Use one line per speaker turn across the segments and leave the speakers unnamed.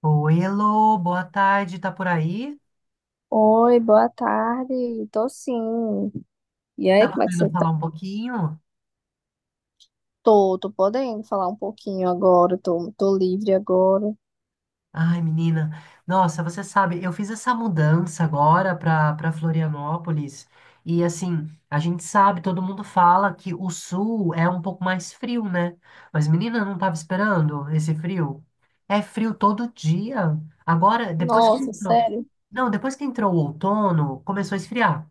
Oi, Elô, boa tarde, tá por aí?
Oi, boa tarde. Tô sim. E aí,
Tá
como é que
podendo
você tá?
falar um pouquinho?
Tô podendo falar um pouquinho agora. Tô livre agora.
Ai, menina, nossa, você sabe, eu fiz essa mudança agora para Florianópolis e assim, a gente sabe, todo mundo fala que o sul é um pouco mais frio, né? Mas menina, eu não tava esperando esse frio. É frio todo dia. Agora, depois que
Nossa,
entrou,
sério?
não, depois que entrou o outono, começou a esfriar,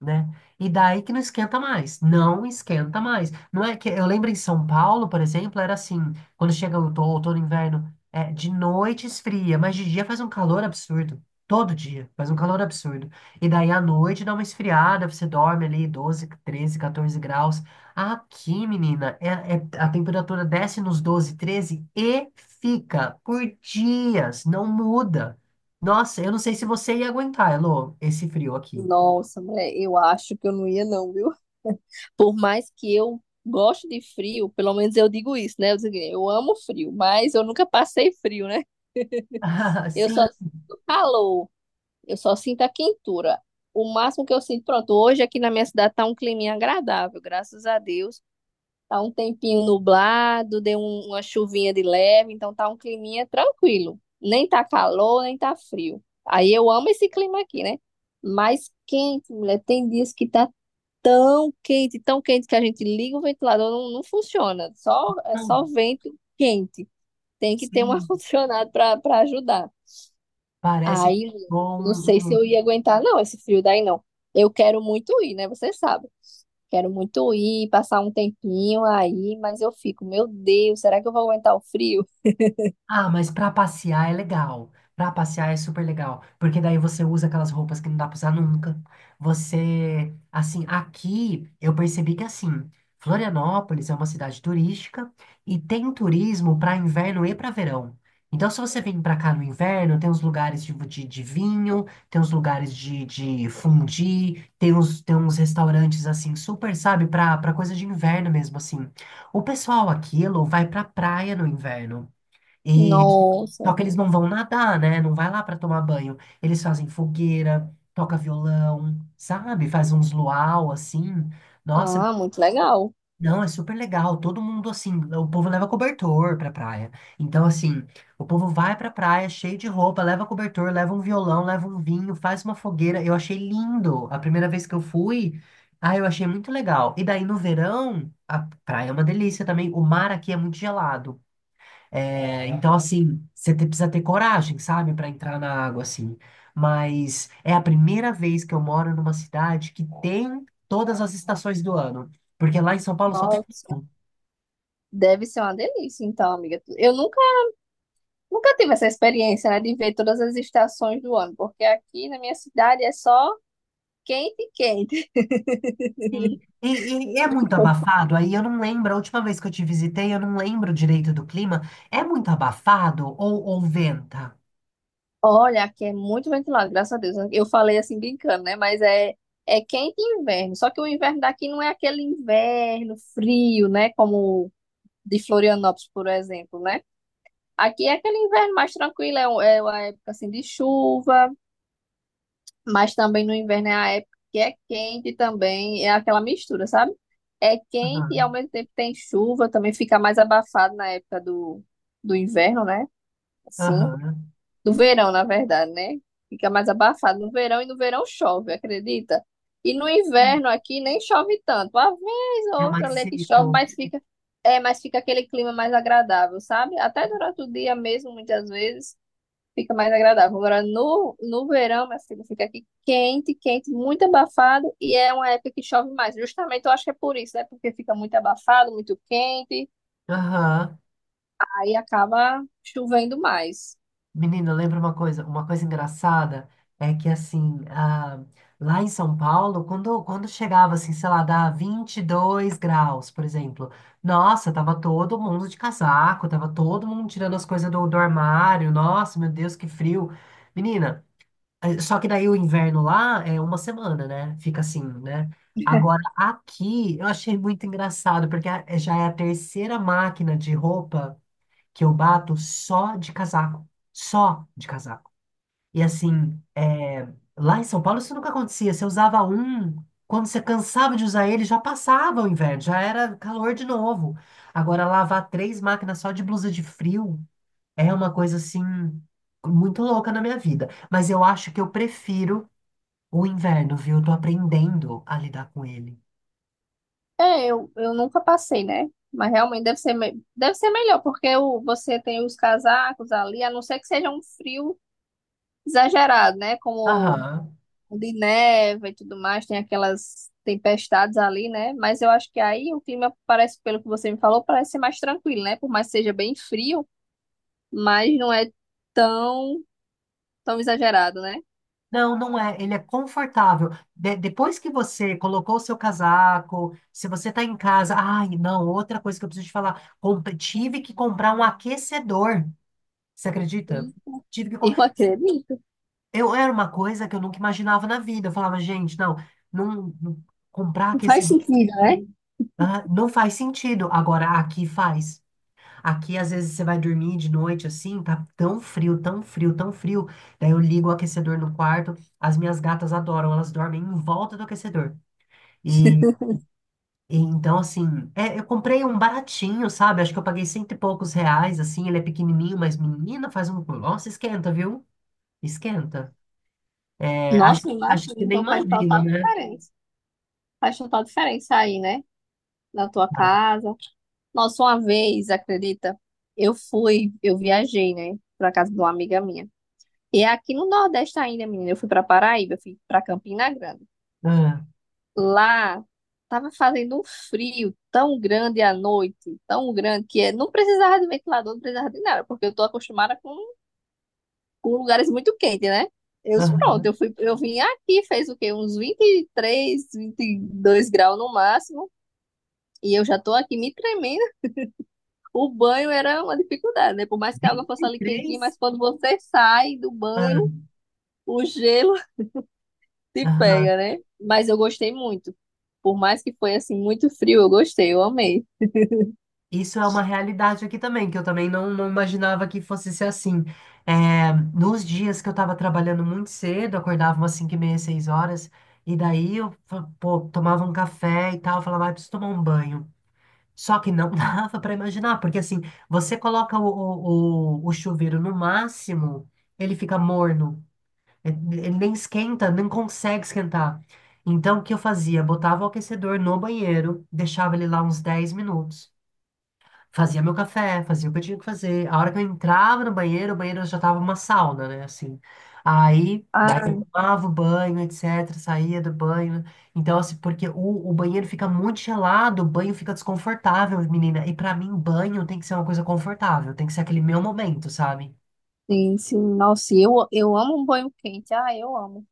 né? E daí que não esquenta mais, não esquenta mais. Não é que eu lembro em São Paulo, por exemplo, era assim, quando chega o outono, outono, inverno é, de noite esfria, mas de dia faz um calor absurdo. Todo dia faz um calor absurdo. E daí à noite dá uma esfriada, você dorme ali 12, 13, 14 graus. Aqui, menina, é, a temperatura desce nos 12, 13 e fica por dias, não muda. Nossa, eu não sei se você ia aguentar, Elô, esse frio aqui.
Nossa, mulher, eu acho que eu não ia não, viu? Por mais que eu goste de frio, pelo menos eu digo isso, né? Eu, digo, eu amo frio, mas eu nunca passei frio, né? Eu só
Sim,
sinto calor, eu só sinto a quentura. O máximo que eu sinto, pronto, hoje aqui na minha cidade tá um climinha agradável, graças a Deus. Tá um tempinho nublado, deu uma chuvinha de leve, então tá um climinha tranquilo. Nem tá calor, nem tá frio. Aí eu amo esse clima aqui, né? Mas quente, mulher, tem dias que tá tão quente que a gente liga o ventilador, não, não funciona. Só, é
não,
só vento quente. Tem que ter um
sim,
ar-condicionado pra ajudar.
parece que
Aí,
é
mulher,
bom.
não sei se eu ia aguentar, não, esse frio daí não. Eu quero muito ir, né? Você sabe. Quero muito ir, passar um tempinho aí, mas eu fico, meu Deus, será que eu vou aguentar o frio?
Ah, mas pra passear é legal. Pra passear é super legal, porque daí você usa aquelas roupas que não dá pra usar nunca. Você, assim, aqui eu percebi que assim, Florianópolis é uma cidade turística e tem turismo pra inverno e pra verão. Então, se você vem pra cá no inverno, tem uns lugares de vinho, tem uns lugares de fondue, tem uns restaurantes assim, super, sabe, pra, pra coisa de inverno mesmo, assim. O pessoal aqui, Elô, vai pra praia no inverno. E só
Nossa.
que eles não vão nadar, né? Não vai lá para tomar banho. Eles fazem fogueira, toca violão, sabe? Faz uns luau assim. Nossa,
Ah, muito legal.
não, é super legal. Todo mundo assim, o povo leva cobertor pra praia. Então assim, o povo vai pra praia cheio de roupa, leva cobertor, leva um violão, leva um vinho, faz uma fogueira. Eu achei lindo. A primeira vez que eu fui, ah, eu achei muito legal. E daí no verão, a praia é uma delícia também. O mar aqui é muito gelado. É, então, assim, precisa ter coragem, sabe, para entrar na água, assim. Mas é a primeira vez que eu moro numa cidade que tem todas as estações do ano. Porque lá em São Paulo só tem
Nossa.
verão.
Deve ser uma delícia, então, amiga. Eu nunca, nunca tive essa experiência, né, de ver todas as estações do ano, porque aqui na minha cidade é só quente e quente.
Sim. E é muito abafado. Aí eu não lembro, a última vez que eu te visitei, eu não lembro direito do clima. É muito abafado ou venta?
Olha, aqui é muito ventilado, graças a Deus. Eu falei assim brincando, né, mas é quente e inverno. Só que o inverno daqui não é aquele inverno frio, né, como de Florianópolis, por exemplo, né? Aqui é aquele inverno mais tranquilo, é, é uma época assim de chuva, mas também no inverno é a época que é quente também, é aquela mistura, sabe? É quente e ao
Aham.
mesmo tempo tem chuva, também fica mais abafado na época do inverno, né? Assim,
Aham.
do verão, na verdade, né? Fica mais abafado no verão e no verão chove, acredita? E no inverno aqui nem chove tanto, uma vez ou
É
outra ali
mais
é que chove,
seco.
mas fica aquele clima mais agradável, sabe? Até durante o dia mesmo, muitas vezes fica mais agradável. Agora, no verão, minha filha, fica aqui quente, quente, muito abafado, e é uma época que chove mais. Justamente, eu acho que é por isso, né? Porque fica muito abafado, muito quente,
Aham.
aí acaba chovendo mais.
Menina, lembra uma coisa engraçada é que assim, ah, lá em São Paulo, quando, quando chegava assim, sei lá, dá 22 graus, por exemplo, nossa, tava todo mundo de casaco, tava todo mundo tirando as coisas do, do armário, nossa, meu Deus, que frio. Menina, só que daí o inverno lá é 1 semana, né? Fica assim, né? Agora aqui eu achei muito engraçado, porque já é a 3.ª máquina de roupa que eu bato só de casaco, só de casaco. E assim, é, lá em São Paulo isso nunca acontecia. Você usava um, quando você cansava de usar ele, já passava o inverno, já era calor de novo. Agora, lavar 3 máquinas só de blusa de frio é uma coisa assim, muito louca na minha vida. Mas eu acho que eu prefiro o inverno, viu? Eu tô aprendendo a lidar com ele.
É, eu nunca passei, né? Mas realmente deve ser, deve ser melhor, porque você tem os casacos ali, a não ser que seja um frio exagerado, né? Como
Aham.
onde neva e tudo mais, tem aquelas tempestades ali, né? Mas eu acho que aí o clima parece, pelo que você me falou, parece ser mais tranquilo, né? Por mais que seja bem frio, mas não é tão, tão exagerado, né?
Não, não é. Ele é confortável. Depois que você colocou o seu casaco, se você tá em casa, ai, não, outra coisa que eu preciso te falar, tive que comprar um aquecedor. Você acredita? Tive que
E eu
comprar.
acredito.
Eu era uma coisa que eu nunca imaginava na vida. Eu falava, gente, não, não, não- comprar
Faz
aquecedor,
sentido, né?
ah, não faz sentido. Agora aqui faz. Aqui, às vezes, você vai dormir de noite assim, tá tão frio, tão frio, tão frio. Daí eu ligo o aquecedor no quarto. As minhas gatas adoram, elas dormem em volta do aquecedor. E, e então, assim, é, eu comprei um baratinho, sabe? Acho que eu paguei R$ 100 e poucos, assim. Ele é pequenininho, mas menina, faz um. Nossa, esquenta, viu? Esquenta. É, acho,
Nossa, imagina,
acho que você nem
então faz
imagina,
total
né?
diferença. Faz total diferença aí, né? Na tua casa. Nossa, uma vez, acredita? Eu fui, eu viajei, né? Pra casa de uma amiga minha. E é aqui no Nordeste ainda, menina, eu fui pra Paraíba, eu fui pra Campina Grande.
Ah,
Lá tava fazendo um frio tão grande à noite, tão grande, que não precisava de ventilador, não precisava de nada, porque eu tô acostumada com lugares muito quentes, né? Eu disse, pronto,
aham.
eu fui, eu vim aqui, fez o quê? Uns 23, 22 graus no máximo, e eu já tô aqui me tremendo. O banho era uma dificuldade, né? Por mais que a água
vinte
fosse
e
ali quentinha,
três
mas quando você sai do
Ah,
banho, o gelo se
aham.
pega, né? Mas eu gostei muito. Por mais que foi assim muito frio, eu gostei, eu amei.
Isso é uma realidade aqui também, que eu também não, não imaginava que fosse ser assim. É, nos dias que eu estava trabalhando muito cedo, acordava umas 5:30, 6 horas, e daí eu pô, tomava um café e tal, falava, ah, preciso tomar um banho. Só que não dava para imaginar, porque assim, você coloca o chuveiro no máximo, ele fica morno, ele ele nem esquenta, nem consegue esquentar. Então, o que eu fazia? Botava o aquecedor no banheiro, deixava ele lá uns 10 minutos. Fazia meu café, fazia o que eu tinha que fazer. A hora que eu entrava no banheiro, o banheiro já tava uma sauna, né? Assim. Aí, daí
Ah,
eu tomava o banho, etc. Saía do banho. Então, assim, porque o banheiro fica muito gelado, o banho fica desconfortável, menina. E pra mim, banho tem que ser uma coisa confortável, tem que ser aquele meu momento, sabe?
sim, sim. Nossa, eu amo um banho quente. Ah, eu amo.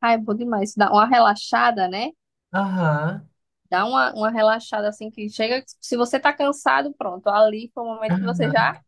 Ah, é bom demais. Dá uma relaxada, né?
Aham.
Dá uma relaxada assim que chega. Se você tá cansado, pronto. Ali foi o momento que você já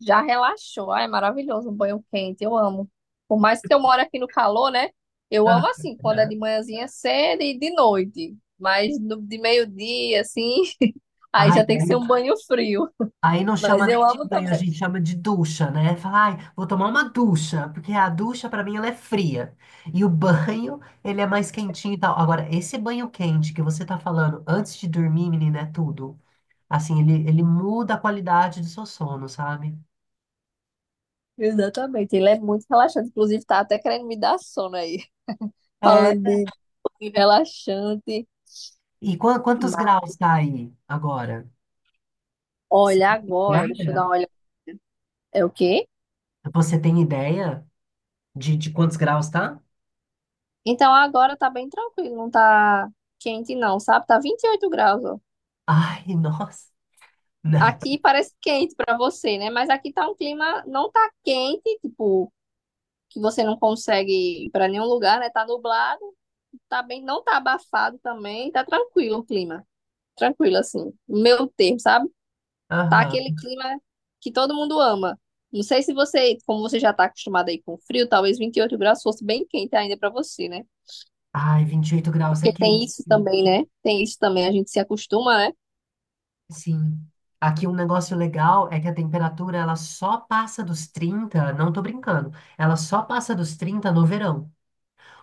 já relaxou. Ah, é maravilhoso um banho quente. Eu amo. Por mais que eu moro aqui no calor, né? Eu amo assim, quando é de
Aham.
manhãzinha cedo e de noite. Mas de meio-dia, assim, aí
Ai,
já tem que ser um banho frio.
aí não chama
Mas eu
nem de
amo
banho, a
também.
gente chama de ducha, né? Fala, ai, vou tomar uma ducha, porque a ducha pra mim ela é fria. E o banho, ele é mais quentinho e tal. Agora, esse banho quente que você tá falando antes de dormir, menina, é tudo. Assim, ele muda a qualidade do seu sono, sabe?
Exatamente. Ele é muito relaxante. Inclusive, tá até querendo me dar sono aí.
É,
Falando de banho relaxante.
e quantos
Mas
graus tá aí agora? Você
olha
tem
agora, deixa eu dar
ideia?
uma olhada. É o quê?
Você tem ideia de quantos graus tá?
Então agora tá bem tranquilo, não tá quente não, sabe? Tá 28 graus, ó.
Ai, nossa. Né?
Aqui parece quente para você, né? Mas aqui tá um clima, não tá quente, tipo, que você não consegue ir para nenhum lugar, né? Tá nublado, tá bem, não tá abafado também, tá tranquilo o clima. Tranquilo, assim, meu termo, sabe? Tá aquele
Aham.
clima que todo mundo ama. Não sei se você, como você já tá acostumado aí com frio, talvez 28 graus fosse bem quente ainda para você, né?
Ai, 28 graus é
Porque tem
quente.
isso também, né? Tem isso também, a gente se acostuma, né?
Sim. Aqui um negócio legal é que a temperatura ela só passa dos 30, não tô brincando, ela só passa dos 30 no verão.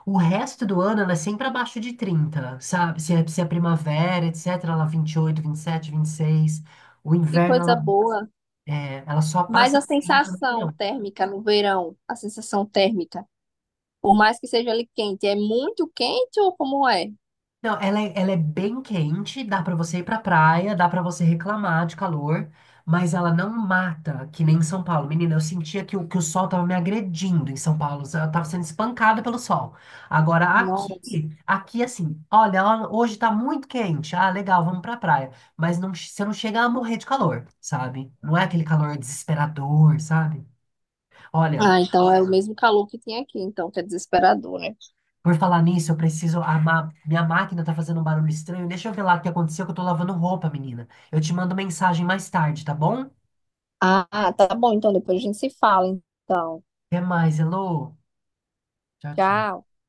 O resto do ano ela é sempre abaixo de 30, sabe? Se é, se é primavera, etc, ela 20 vinte e oito, 27, 26. O
Que
inverno
coisa
ela,
boa.
é, ela só
Mas
passa
a
dos 30 no
sensação
verão.
térmica no verão, a sensação térmica por mais que seja ali quente, é muito quente ou como é?
Não, ela é bem quente, dá pra você ir pra praia, dá pra você reclamar de calor, mas ela não mata, que nem em São Paulo. Menina, eu sentia que o sol tava me agredindo em São Paulo, eu tava sendo espancada pelo sol. Agora
Não.
aqui, aqui assim, olha, ó, hoje tá muito quente, ah, legal, vamos pra praia, mas não, você não chega a morrer de calor, sabe? Não é aquele calor desesperador, sabe? Olha,
Ah, então é o mesmo calor que tinha aqui, então, que é desesperador, né?
por falar nisso, eu preciso armar. Minha máquina tá fazendo um barulho estranho. Deixa eu ver lá o que aconteceu, que eu tô lavando roupa, menina. Eu te mando mensagem mais tarde, tá bom?
Ah, tá bom, então depois a gente se fala, então.
Até mais, hello. Tchau, tchau.
Tchau.